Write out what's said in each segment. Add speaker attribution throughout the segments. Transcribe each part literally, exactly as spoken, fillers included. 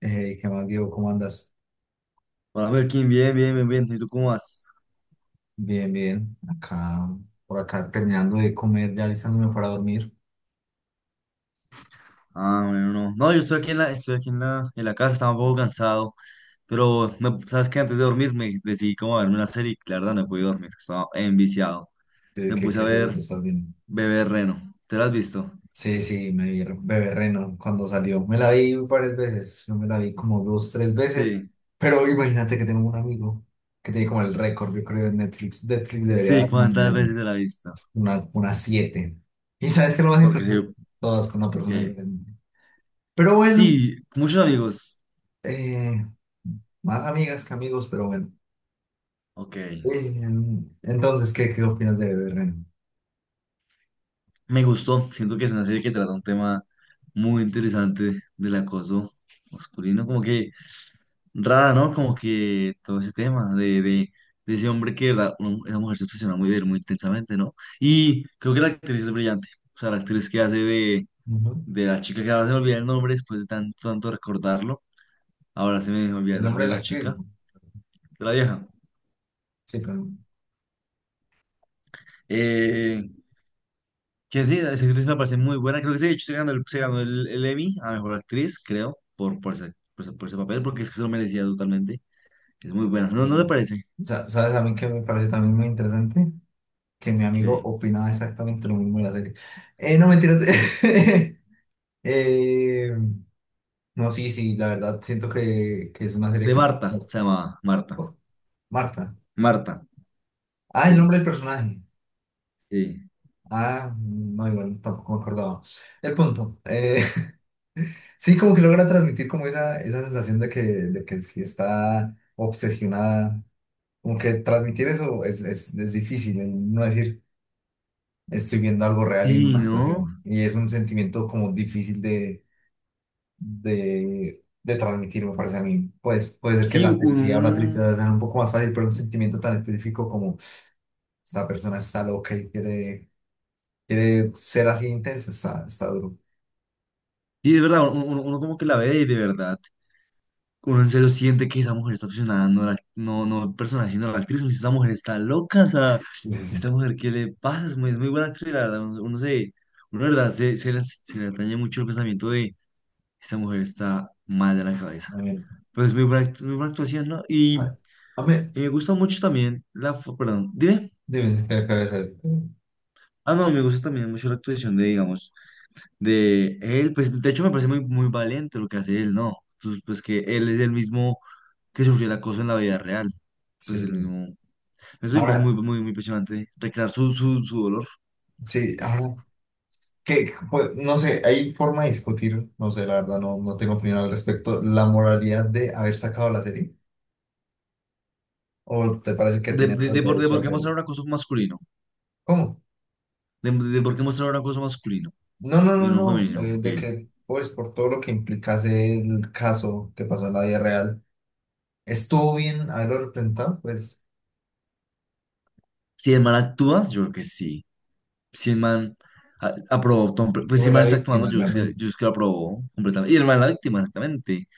Speaker 1: Hey, ¿qué más, Diego? ¿Cómo andas?
Speaker 2: Hola, Joaquín, bien, bien, bien, bien. ¿Y tú cómo vas?
Speaker 1: Bien, bien. Acá, por acá terminando de comer, ya listándome para dormir.
Speaker 2: Ah, bueno, no. No, yo estoy aquí en la, estoy aquí en la, en la casa, estaba un poco cansado, pero me- sabes que antes de dormir me decidí como a verme una serie y la verdad no pude dormir, estaba enviciado.
Speaker 1: ¿De
Speaker 2: Me
Speaker 1: ¿Qué,
Speaker 2: puse a
Speaker 1: qué serie te
Speaker 2: ver
Speaker 1: estás viendo?
Speaker 2: Bebé Reno. ¿Te la has visto?
Speaker 1: Sí, sí, me vi Bebé Reno cuando salió. Me la vi varias veces. Yo me la vi como dos, tres veces.
Speaker 2: Sí,
Speaker 1: Pero imagínate que tengo un amigo que tiene como el récord, yo creo, de Netflix. Netflix debería
Speaker 2: sí,
Speaker 1: dar una
Speaker 2: ¿cuántas
Speaker 1: medalla,
Speaker 2: veces te la has visto?
Speaker 1: una, una siete. ¿Y sabes qué es lo más
Speaker 2: Porque
Speaker 1: importante?
Speaker 2: sí,
Speaker 1: Todas con una persona
Speaker 2: ok.
Speaker 1: diferente. Pero bueno,
Speaker 2: Sí, muchos amigos.
Speaker 1: eh, más amigas que amigos, pero bueno.
Speaker 2: Ok.
Speaker 1: Eh, entonces, ¿qué, qué opinas de Bebé Reno?
Speaker 2: Me gustó, siento que es una serie que trata un tema muy interesante del acoso masculino, como que rara, ¿no? Como que todo ese tema de, de, de ese hombre que, de verdad, uno- esa mujer se obsesiona muy de él, muy intensamente, ¿no? Y creo que la actriz es brillante, o sea, la actriz que hace de,
Speaker 1: Ujú.
Speaker 2: de la chica que ahora se me olvida el nombre después de tanto, tanto recordarlo, ahora se me olvida el
Speaker 1: El
Speaker 2: nombre
Speaker 1: nombre de
Speaker 2: de
Speaker 1: la
Speaker 2: la
Speaker 1: actriz,
Speaker 2: chica,
Speaker 1: ¿no?
Speaker 2: de la vieja.
Speaker 1: Sí, pero...
Speaker 2: Eh, Que sí, esa actriz me parece muy buena. Creo que sí, de hecho, se ganó el, se ganó el, el Emmy a mejor actriz, creo, por, por ese, por ese, por ese papel, porque es que se lo merecía totalmente. Es muy buena. ¿No,
Speaker 1: eh,
Speaker 2: no le parece?
Speaker 1: sa- ¿Sabes a mí que me parece también muy interesante? Que mi amigo
Speaker 2: Que...
Speaker 1: opinaba exactamente lo mismo de la serie. Eh, no, mentiras. Eh, no, sí, sí, la verdad, siento que, que es una serie
Speaker 2: De
Speaker 1: que...
Speaker 2: Marta, se llamaba Marta.
Speaker 1: Marta.
Speaker 2: Marta,
Speaker 1: Ah, el
Speaker 2: sí,
Speaker 1: nombre del personaje.
Speaker 2: sí.
Speaker 1: Ah, no, igual, tampoco me acordaba. El punto. eh, Sí, como que logra transmitir como esa, esa sensación de que, de que sí está obsesionada. Como que transmitir eso es, es, es difícil, el no decir estoy viendo algo real en
Speaker 2: Sí,
Speaker 1: una
Speaker 2: ¿no?
Speaker 1: actuación. Y es un sentimiento como difícil de, de, de transmitir, me parece a mí. Pues puede ser que
Speaker 2: Sí,
Speaker 1: la felicidad o la
Speaker 2: uno.
Speaker 1: tristeza sean un poco más fácil, pero un sentimiento tan específico como esta persona está loca y quiere, quiere ser así intensa, está, está duro.
Speaker 2: Sí, es verdad, uno, uno- uno como que la ve y de verdad. Uno en serio siente que esa mujer está obsesionada, no, la, no, no el personaje, sino la actriz. Uno dice, esa mujer está loca, o sea,
Speaker 1: Sí, sí, sí.
Speaker 2: esta mujer, ¿qué le pasa? Es muy, es muy buena actriz, la verdad. Uno, uno se, uno, la verdad, se, se, le, se le atañe mucho el pensamiento de esta mujer está mal de la cabeza.
Speaker 1: A mí,
Speaker 2: Pero es muy buena, act- muy buena actuación, ¿no? Y,
Speaker 1: a a mí,
Speaker 2: y me gusta mucho también la. fo- perdón, dime.
Speaker 1: dime, espera, espera, espera.
Speaker 2: Ah, no, y me gusta también mucho la actuación de, digamos, de él. Pues de hecho me parece muy, muy valiente lo que hace él, ¿no? Pues, pues que él es el mismo que sufrió el acoso en la vida real, pues
Speaker 1: Sí,
Speaker 2: el
Speaker 1: sí.
Speaker 2: mismo. Eso me parece
Speaker 1: Ahora,
Speaker 2: muy, muy, muy impresionante, recrear su, su, su dolor.
Speaker 1: sí, ahora, que, pues, no sé, hay forma de discutir, no sé, la verdad, no, no tengo opinión al respecto, la moralidad de haber sacado la serie, o te parece que
Speaker 2: De,
Speaker 1: tiene
Speaker 2: de,
Speaker 1: todo el
Speaker 2: de por, de
Speaker 1: derecho a
Speaker 2: por qué
Speaker 1: hacerlo.
Speaker 2: mostrar un acoso masculino.
Speaker 1: ¿Cómo?
Speaker 2: De, de por qué mostrar un acoso masculino
Speaker 1: No, no, no,
Speaker 2: y no
Speaker 1: no, eh,
Speaker 2: femenino.
Speaker 1: de
Speaker 2: Que
Speaker 1: que, pues, por todo lo que implicase el caso que pasó en la vida real, estuvo bien haberlo representado, pues,
Speaker 2: si el man actúa, yo creo que sí. Si el man a- aprobó, tom- pues si
Speaker 1: fue
Speaker 2: el man
Speaker 1: la
Speaker 2: está actuando,
Speaker 1: víctima,
Speaker 2: yo creo que,
Speaker 1: realmente.
Speaker 2: yo creo que lo aprobó completamente. Y el man es la víctima, exactamente.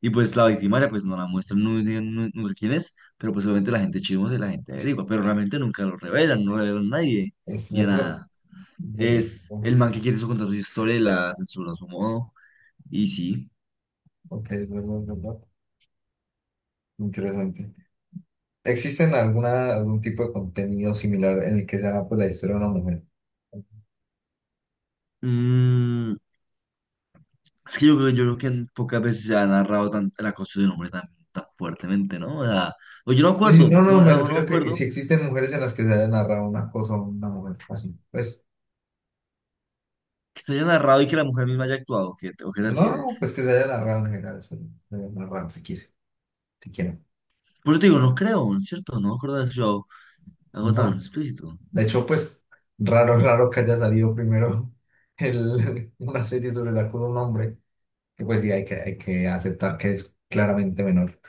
Speaker 2: Y pues la victimaria, pues no la muestran, no dicen nu- nunca quién es, pero pues obviamente la gente chismosa y la gente averigua, pero realmente nunca lo revelan, no revelan a nadie,
Speaker 1: Es
Speaker 2: ni a
Speaker 1: verdad,
Speaker 2: nada.
Speaker 1: es verdad,
Speaker 2: Es el
Speaker 1: bueno,
Speaker 2: man que quiere su contar su historia y la censura a su modo. Y sí.
Speaker 1: ok, es verdad, es verdad, interesante. ¿Existen alguna, algún tipo de contenido similar en el que se haga pues, la historia de una mujer?
Speaker 2: Mm, es que yo creo, yo creo que pocas veces se ha narrado tan, el acoso de un hombre tan, tan fuertemente, ¿no? O sea, o yo no
Speaker 1: Es decir,
Speaker 2: acuerdo,
Speaker 1: no,
Speaker 2: no,
Speaker 1: no, me
Speaker 2: o no me
Speaker 1: refiero a que si
Speaker 2: acuerdo
Speaker 1: existen mujeres en las que se haya narrado una cosa a una mujer así. Pues,
Speaker 2: que se haya narrado y que la mujer misma haya actuado. ¿Qué, te- o qué te
Speaker 1: no, no, pues
Speaker 2: refieres?
Speaker 1: que se haya narrado en general, se se haya narrado si quise, si quieren.
Speaker 2: Por eso te digo, no creo, ¿cierto? No me acuerdo de haber escuchado algo tan
Speaker 1: No.
Speaker 2: explícito.
Speaker 1: De hecho, pues, raro, raro que haya salido primero el, una serie sobre el acoso de un hombre, que pues sí, hay que, hay que aceptar que es claramente menor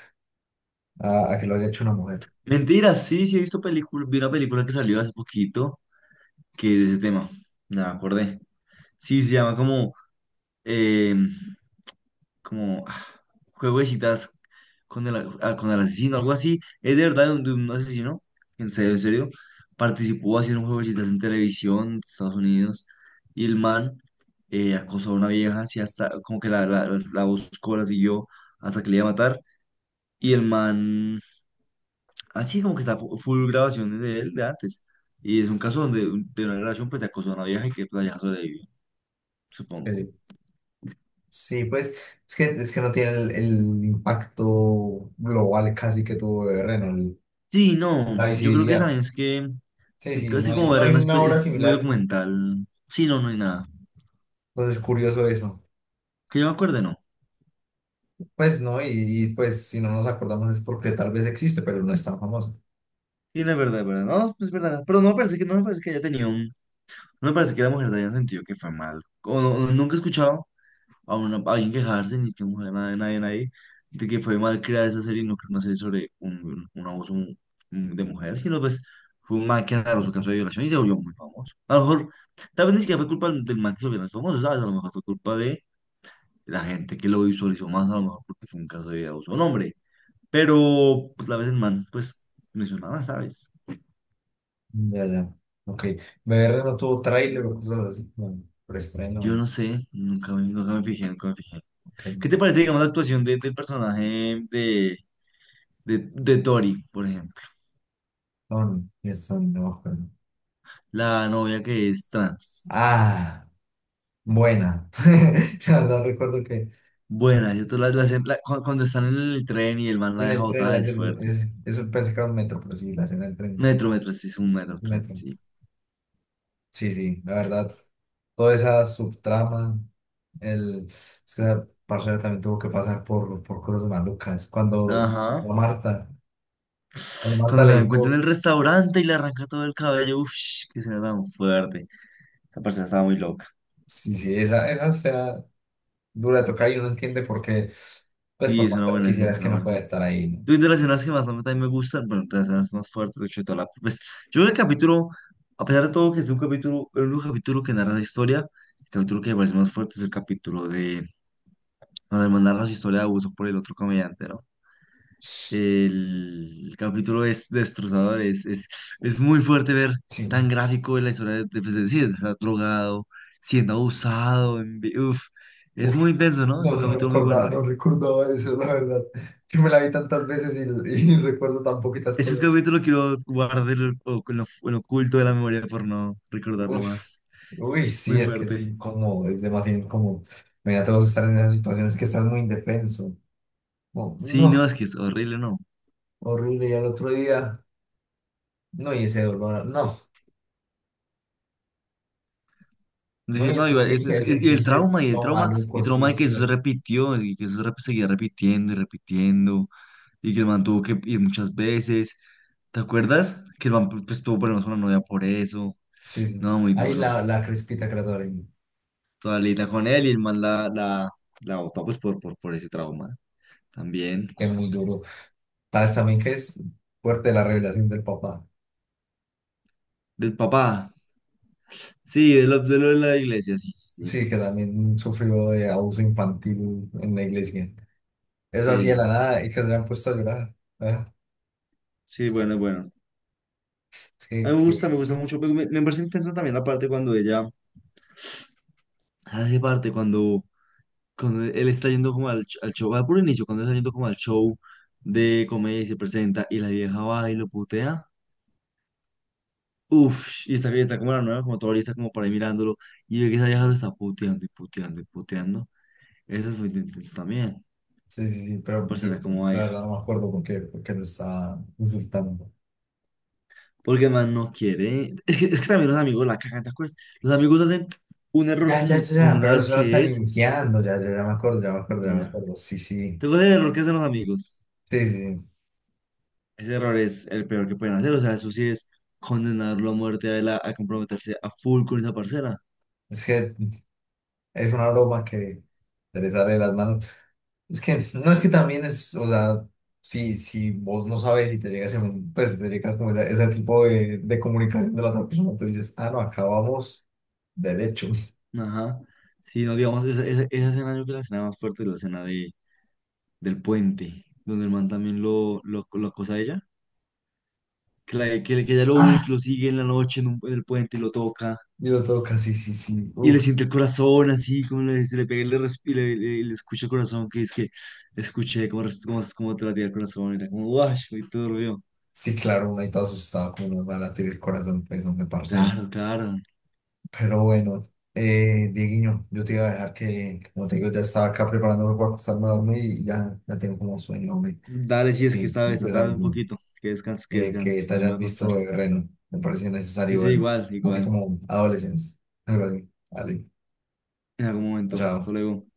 Speaker 1: a, a que lo haya hecho una mujer.
Speaker 2: Mentira, sí, sí he visto película, vi una película que salió hace poquito que es de ese tema. No me acordé. Sí, se llama como eh, como ah, juego de citas con el, ah, con el asesino, algo así. Es de verdad de un, de un asesino, en serio, en serio. Participó haciendo un juego de citas en televisión de Estados Unidos y el man eh, acosó a una vieja, así hasta como que la, la, la la buscó, la siguió hasta que le iba a matar. Y el man, así como que está fu- full grabaciones de él de antes. Y es un caso donde un- de una relación pues se acosó a una vieja y que pues, la vieja sobrevivió, supongo.
Speaker 1: eh, Sí, pues es que, es que no tiene el, el impacto global casi que tuvo Berren, el-
Speaker 2: Sí, no,
Speaker 1: la
Speaker 2: yo creo que
Speaker 1: visibilidad.
Speaker 2: también es que es
Speaker 1: Sí,
Speaker 2: que
Speaker 1: sí, no
Speaker 2: casi
Speaker 1: hay,
Speaker 2: como
Speaker 1: no
Speaker 2: ver
Speaker 1: hay
Speaker 2: una
Speaker 1: una
Speaker 2: espe-
Speaker 1: obra
Speaker 2: es muy
Speaker 1: similar,
Speaker 2: documental. Sí, no, no hay nada.
Speaker 1: entonces es curioso eso.
Speaker 2: Que yo me acuerde, no.
Speaker 1: Pues no, y, y, pues si no nos acordamos es porque tal vez existe, pero no es tan famoso.
Speaker 2: Sí, no es verdad, es verdad. No, es verdad. Pero no me parece que no me parece que haya tenido un no me parece que la mujer se haya sentido que fue mal. O no, no- nunca he escuchado a, una, a alguien quejarse ni que mujer nadie nadie nadie de que fue mal crear esa serie, no creo una serie sobre un, un abuso mm, de mujer, sino pues fue un man que narró su caso de violación y se volvió muy famoso. A lo mejor tal vez ni siquiera fue culpa del man que se volvió más famoso, ¿sabes? A lo mejor fue culpa de la gente que lo visualizó más a lo mejor porque fue un caso de abuso a un hombre. Pero pues la vez el man, pues mencionaba, ¿sabes?
Speaker 1: Ya, ya, ok. B R no tuvo tráiler o cosas así, no,
Speaker 2: Yo
Speaker 1: preestreno,
Speaker 2: no sé, nunca me, nunca me fijé, nunca me fijé.
Speaker 1: ok.
Speaker 2: ¿Qué te parece, digamos, la actuación de- del personaje de, de, de Tori, por ejemplo?
Speaker 1: No, no, eso no me acuerdo.
Speaker 2: La novia que es trans.
Speaker 1: Ah, buena. La verdad recuerdo que
Speaker 2: Buena, yo te la, la- la- cu- cuando están en el tren y el man la
Speaker 1: en
Speaker 2: deja
Speaker 1: el tren, la,
Speaker 2: botada es fuerte.
Speaker 1: es- eso pensé que era un metro, pero sí, la escena del tren.
Speaker 2: Metro, metro, sí, es un metro, tren,
Speaker 1: Neto.
Speaker 2: sí.
Speaker 1: Sí, sí, la verdad. Toda esa subtrama, el, es que esa parcera también tuvo que pasar por, por cosas malucas. Cuando se encontró
Speaker 2: Ajá.
Speaker 1: a Marta, cuando Marta
Speaker 2: Cuando se la
Speaker 1: le
Speaker 2: encuentra
Speaker 1: dijo,
Speaker 2: en el restaurante y le arranca todo el cabello, uff, que será tan fuerte. Esa persona estaba muy loca.
Speaker 1: sí, sí, esa, esa escena dura de tocar y uno entiende por qué, pues
Speaker 2: Y
Speaker 1: por
Speaker 2: es
Speaker 1: más
Speaker 2: una
Speaker 1: que lo
Speaker 2: buena escena,
Speaker 1: quisiera es
Speaker 2: es
Speaker 1: que
Speaker 2: una
Speaker 1: no
Speaker 2: buena
Speaker 1: puede
Speaker 2: escena.
Speaker 1: estar ahí, ¿no?
Speaker 2: Yo de las escenas que más a mí también me gustan, bueno, de las escenas más fuertes, de hecho, de toda la... Pues, yo creo que el capítulo, a pesar de todo que es un capítulo, el único capítulo que narra la historia, el capítulo que me parece más fuerte es el capítulo de... Cuando hermano narra su historia de abuso por el otro comediante, ¿no? El, el capítulo es destrozador, es, es, es muy fuerte ver
Speaker 1: Sí,
Speaker 2: tan gráfico la historia de, de, pues, de- sí, de estar drogado, siendo abusado, en vi- uf, es muy
Speaker 1: uf,
Speaker 2: intenso, ¿no? Es
Speaker 1: no,
Speaker 2: un
Speaker 1: no
Speaker 2: capítulo muy
Speaker 1: recordaba,
Speaker 2: bueno.
Speaker 1: no recordaba eso, la verdad. Yo me la vi tantas veces y, y recuerdo tan poquitas
Speaker 2: Es un
Speaker 1: cosas.
Speaker 2: capítulo que lo guardé en lo- en lo- en lo oculto de la memoria por no recordarlo
Speaker 1: Uf,
Speaker 2: más.
Speaker 1: uy,
Speaker 2: Es muy
Speaker 1: sí, es que es
Speaker 2: fuerte.
Speaker 1: incómodo, es demasiado incómodo. Mira, todos estar en esas situaciones que estás muy indefenso. Oh,
Speaker 2: Sí, no,
Speaker 1: no,
Speaker 2: es que es horrible, no.
Speaker 1: horrible. Y al otro día, no, y ese dolor, no, no,
Speaker 2: Dije,
Speaker 1: y el
Speaker 2: no, igual, es,
Speaker 1: sentirse,
Speaker 2: es-
Speaker 1: el
Speaker 2: y el
Speaker 1: sentirse
Speaker 2: trauma, y el
Speaker 1: todo
Speaker 2: trauma, y
Speaker 1: maluco,
Speaker 2: el trauma de que eso se
Speaker 1: sucio.
Speaker 2: repitió, y que eso rep- seguía repitiendo y repitiendo, y que el man tuvo que ir muchas veces. ¿Te acuerdas? Que el man pues, tuvo problemas con la novia por eso.
Speaker 1: Sí, sí.
Speaker 2: No, muy
Speaker 1: Ahí
Speaker 2: duro.
Speaker 1: la, la crespita que la doy,
Speaker 2: Toda lita con él y el man la, la, la botó pues por, por, por ese trauma. También.
Speaker 1: que es muy duro. Sabes también que es fuerte la revelación del papá.
Speaker 2: Del papá. Sí, de lo, de lo de la iglesia, sí, sí, sí.
Speaker 1: Sí, que también sufrió de abuso infantil en la iglesia. Eso así de la
Speaker 2: Sí,
Speaker 1: nada y que se le han puesto a llorar. Ah,
Speaker 2: sí, bueno, bueno. A
Speaker 1: sí,
Speaker 2: mí me gusta, me gusta mucho. Pero Me, me parece intenso también la parte cuando ella hace parte, cuando, cuando él está yendo como al, ch- al show, al puro inicio, cuando está yendo como al show de comedia y se presenta y la vieja va y lo putea. Uf, y está, y está como la nueva, como todavía está como por ahí mirándolo. Y ve que esa vieja lo está puteando y puteando y puteando. Eso fue intenso también.
Speaker 1: sí, sí, sí,
Speaker 2: Me
Speaker 1: pero yo
Speaker 2: parecerá como va.
Speaker 1: la verdad no me acuerdo por qué, por qué lo estaba insultando.
Speaker 2: Porque el man no quiere. Es que, es que también los amigos la cagan, ¿te acuerdas? Los amigos hacen un error
Speaker 1: Ya, ya,
Speaker 2: com-
Speaker 1: ya, ya, pero
Speaker 2: comunal
Speaker 1: solo
Speaker 2: que
Speaker 1: están
Speaker 2: es.
Speaker 1: iniciando, ya, ya, ya me acuerdo, ya me acuerdo, ya me
Speaker 2: Ya.
Speaker 1: acuerdo. Sí, sí,
Speaker 2: Tengo ese error que hacen los amigos.
Speaker 1: sí, sí. sí.
Speaker 2: Ese error es el peor que pueden hacer. O sea, eso sí es condenarlo a muerte a, él a, a comprometerse a full con esa parcera.
Speaker 1: Es que es una broma que se le sale de las manos. Es que no es que también es, o sea, si, si vos no sabes y te llegas, en- pues te llegas como ese, ese tipo de, de comunicación de la otra persona, tú dices, ah, no, acabamos derecho.
Speaker 2: Ajá. Sí, no, digamos, esa, esa, esa escena yo creo que la escena más fuerte es la escena de, del puente, donde el man también lo, lo, lo acosa a ella. Que, la- que, que ella lo, bus-
Speaker 1: Ah,
Speaker 2: lo sigue en la noche en, un- en el puente y lo toca.
Speaker 1: y lo toca, sí, sí, sí,
Speaker 2: Y le
Speaker 1: uf.
Speaker 2: siente el corazón así, como le, se le pega y le, resp- y le, le- le escucha el corazón, que es que escuché como res- como cómo te latía el corazón, y era como, guau, muy turbio.
Speaker 1: Sí, claro, una y todo asustado, como nos va a latir el corazón, pues, no me parce.
Speaker 2: Claro, claro.
Speaker 1: Pero bueno, eh, Dieguiño, yo te iba a dejar que, como te digo, ya estaba acá preparándome para acostarme a dormir y ya, ya tengo como sueño, hombre.
Speaker 2: Dale, si es que
Speaker 1: Sí,
Speaker 2: esta
Speaker 1: me
Speaker 2: vez
Speaker 1: quiero
Speaker 2: tarde un
Speaker 1: tanto,
Speaker 2: poquito, que descanses, que
Speaker 1: eh,
Speaker 2: descanses,
Speaker 1: que
Speaker 2: yo
Speaker 1: te
Speaker 2: también
Speaker 1: hayas
Speaker 2: me voy a
Speaker 1: visto
Speaker 2: acostar.
Speaker 1: de Reno, me parecía
Speaker 2: Sí,
Speaker 1: necesario
Speaker 2: sí,
Speaker 1: verlo,
Speaker 2: igual,
Speaker 1: así
Speaker 2: igual,
Speaker 1: como adolescencia, algo así. Vale,
Speaker 2: en algún momento, hasta
Speaker 1: chao.
Speaker 2: luego.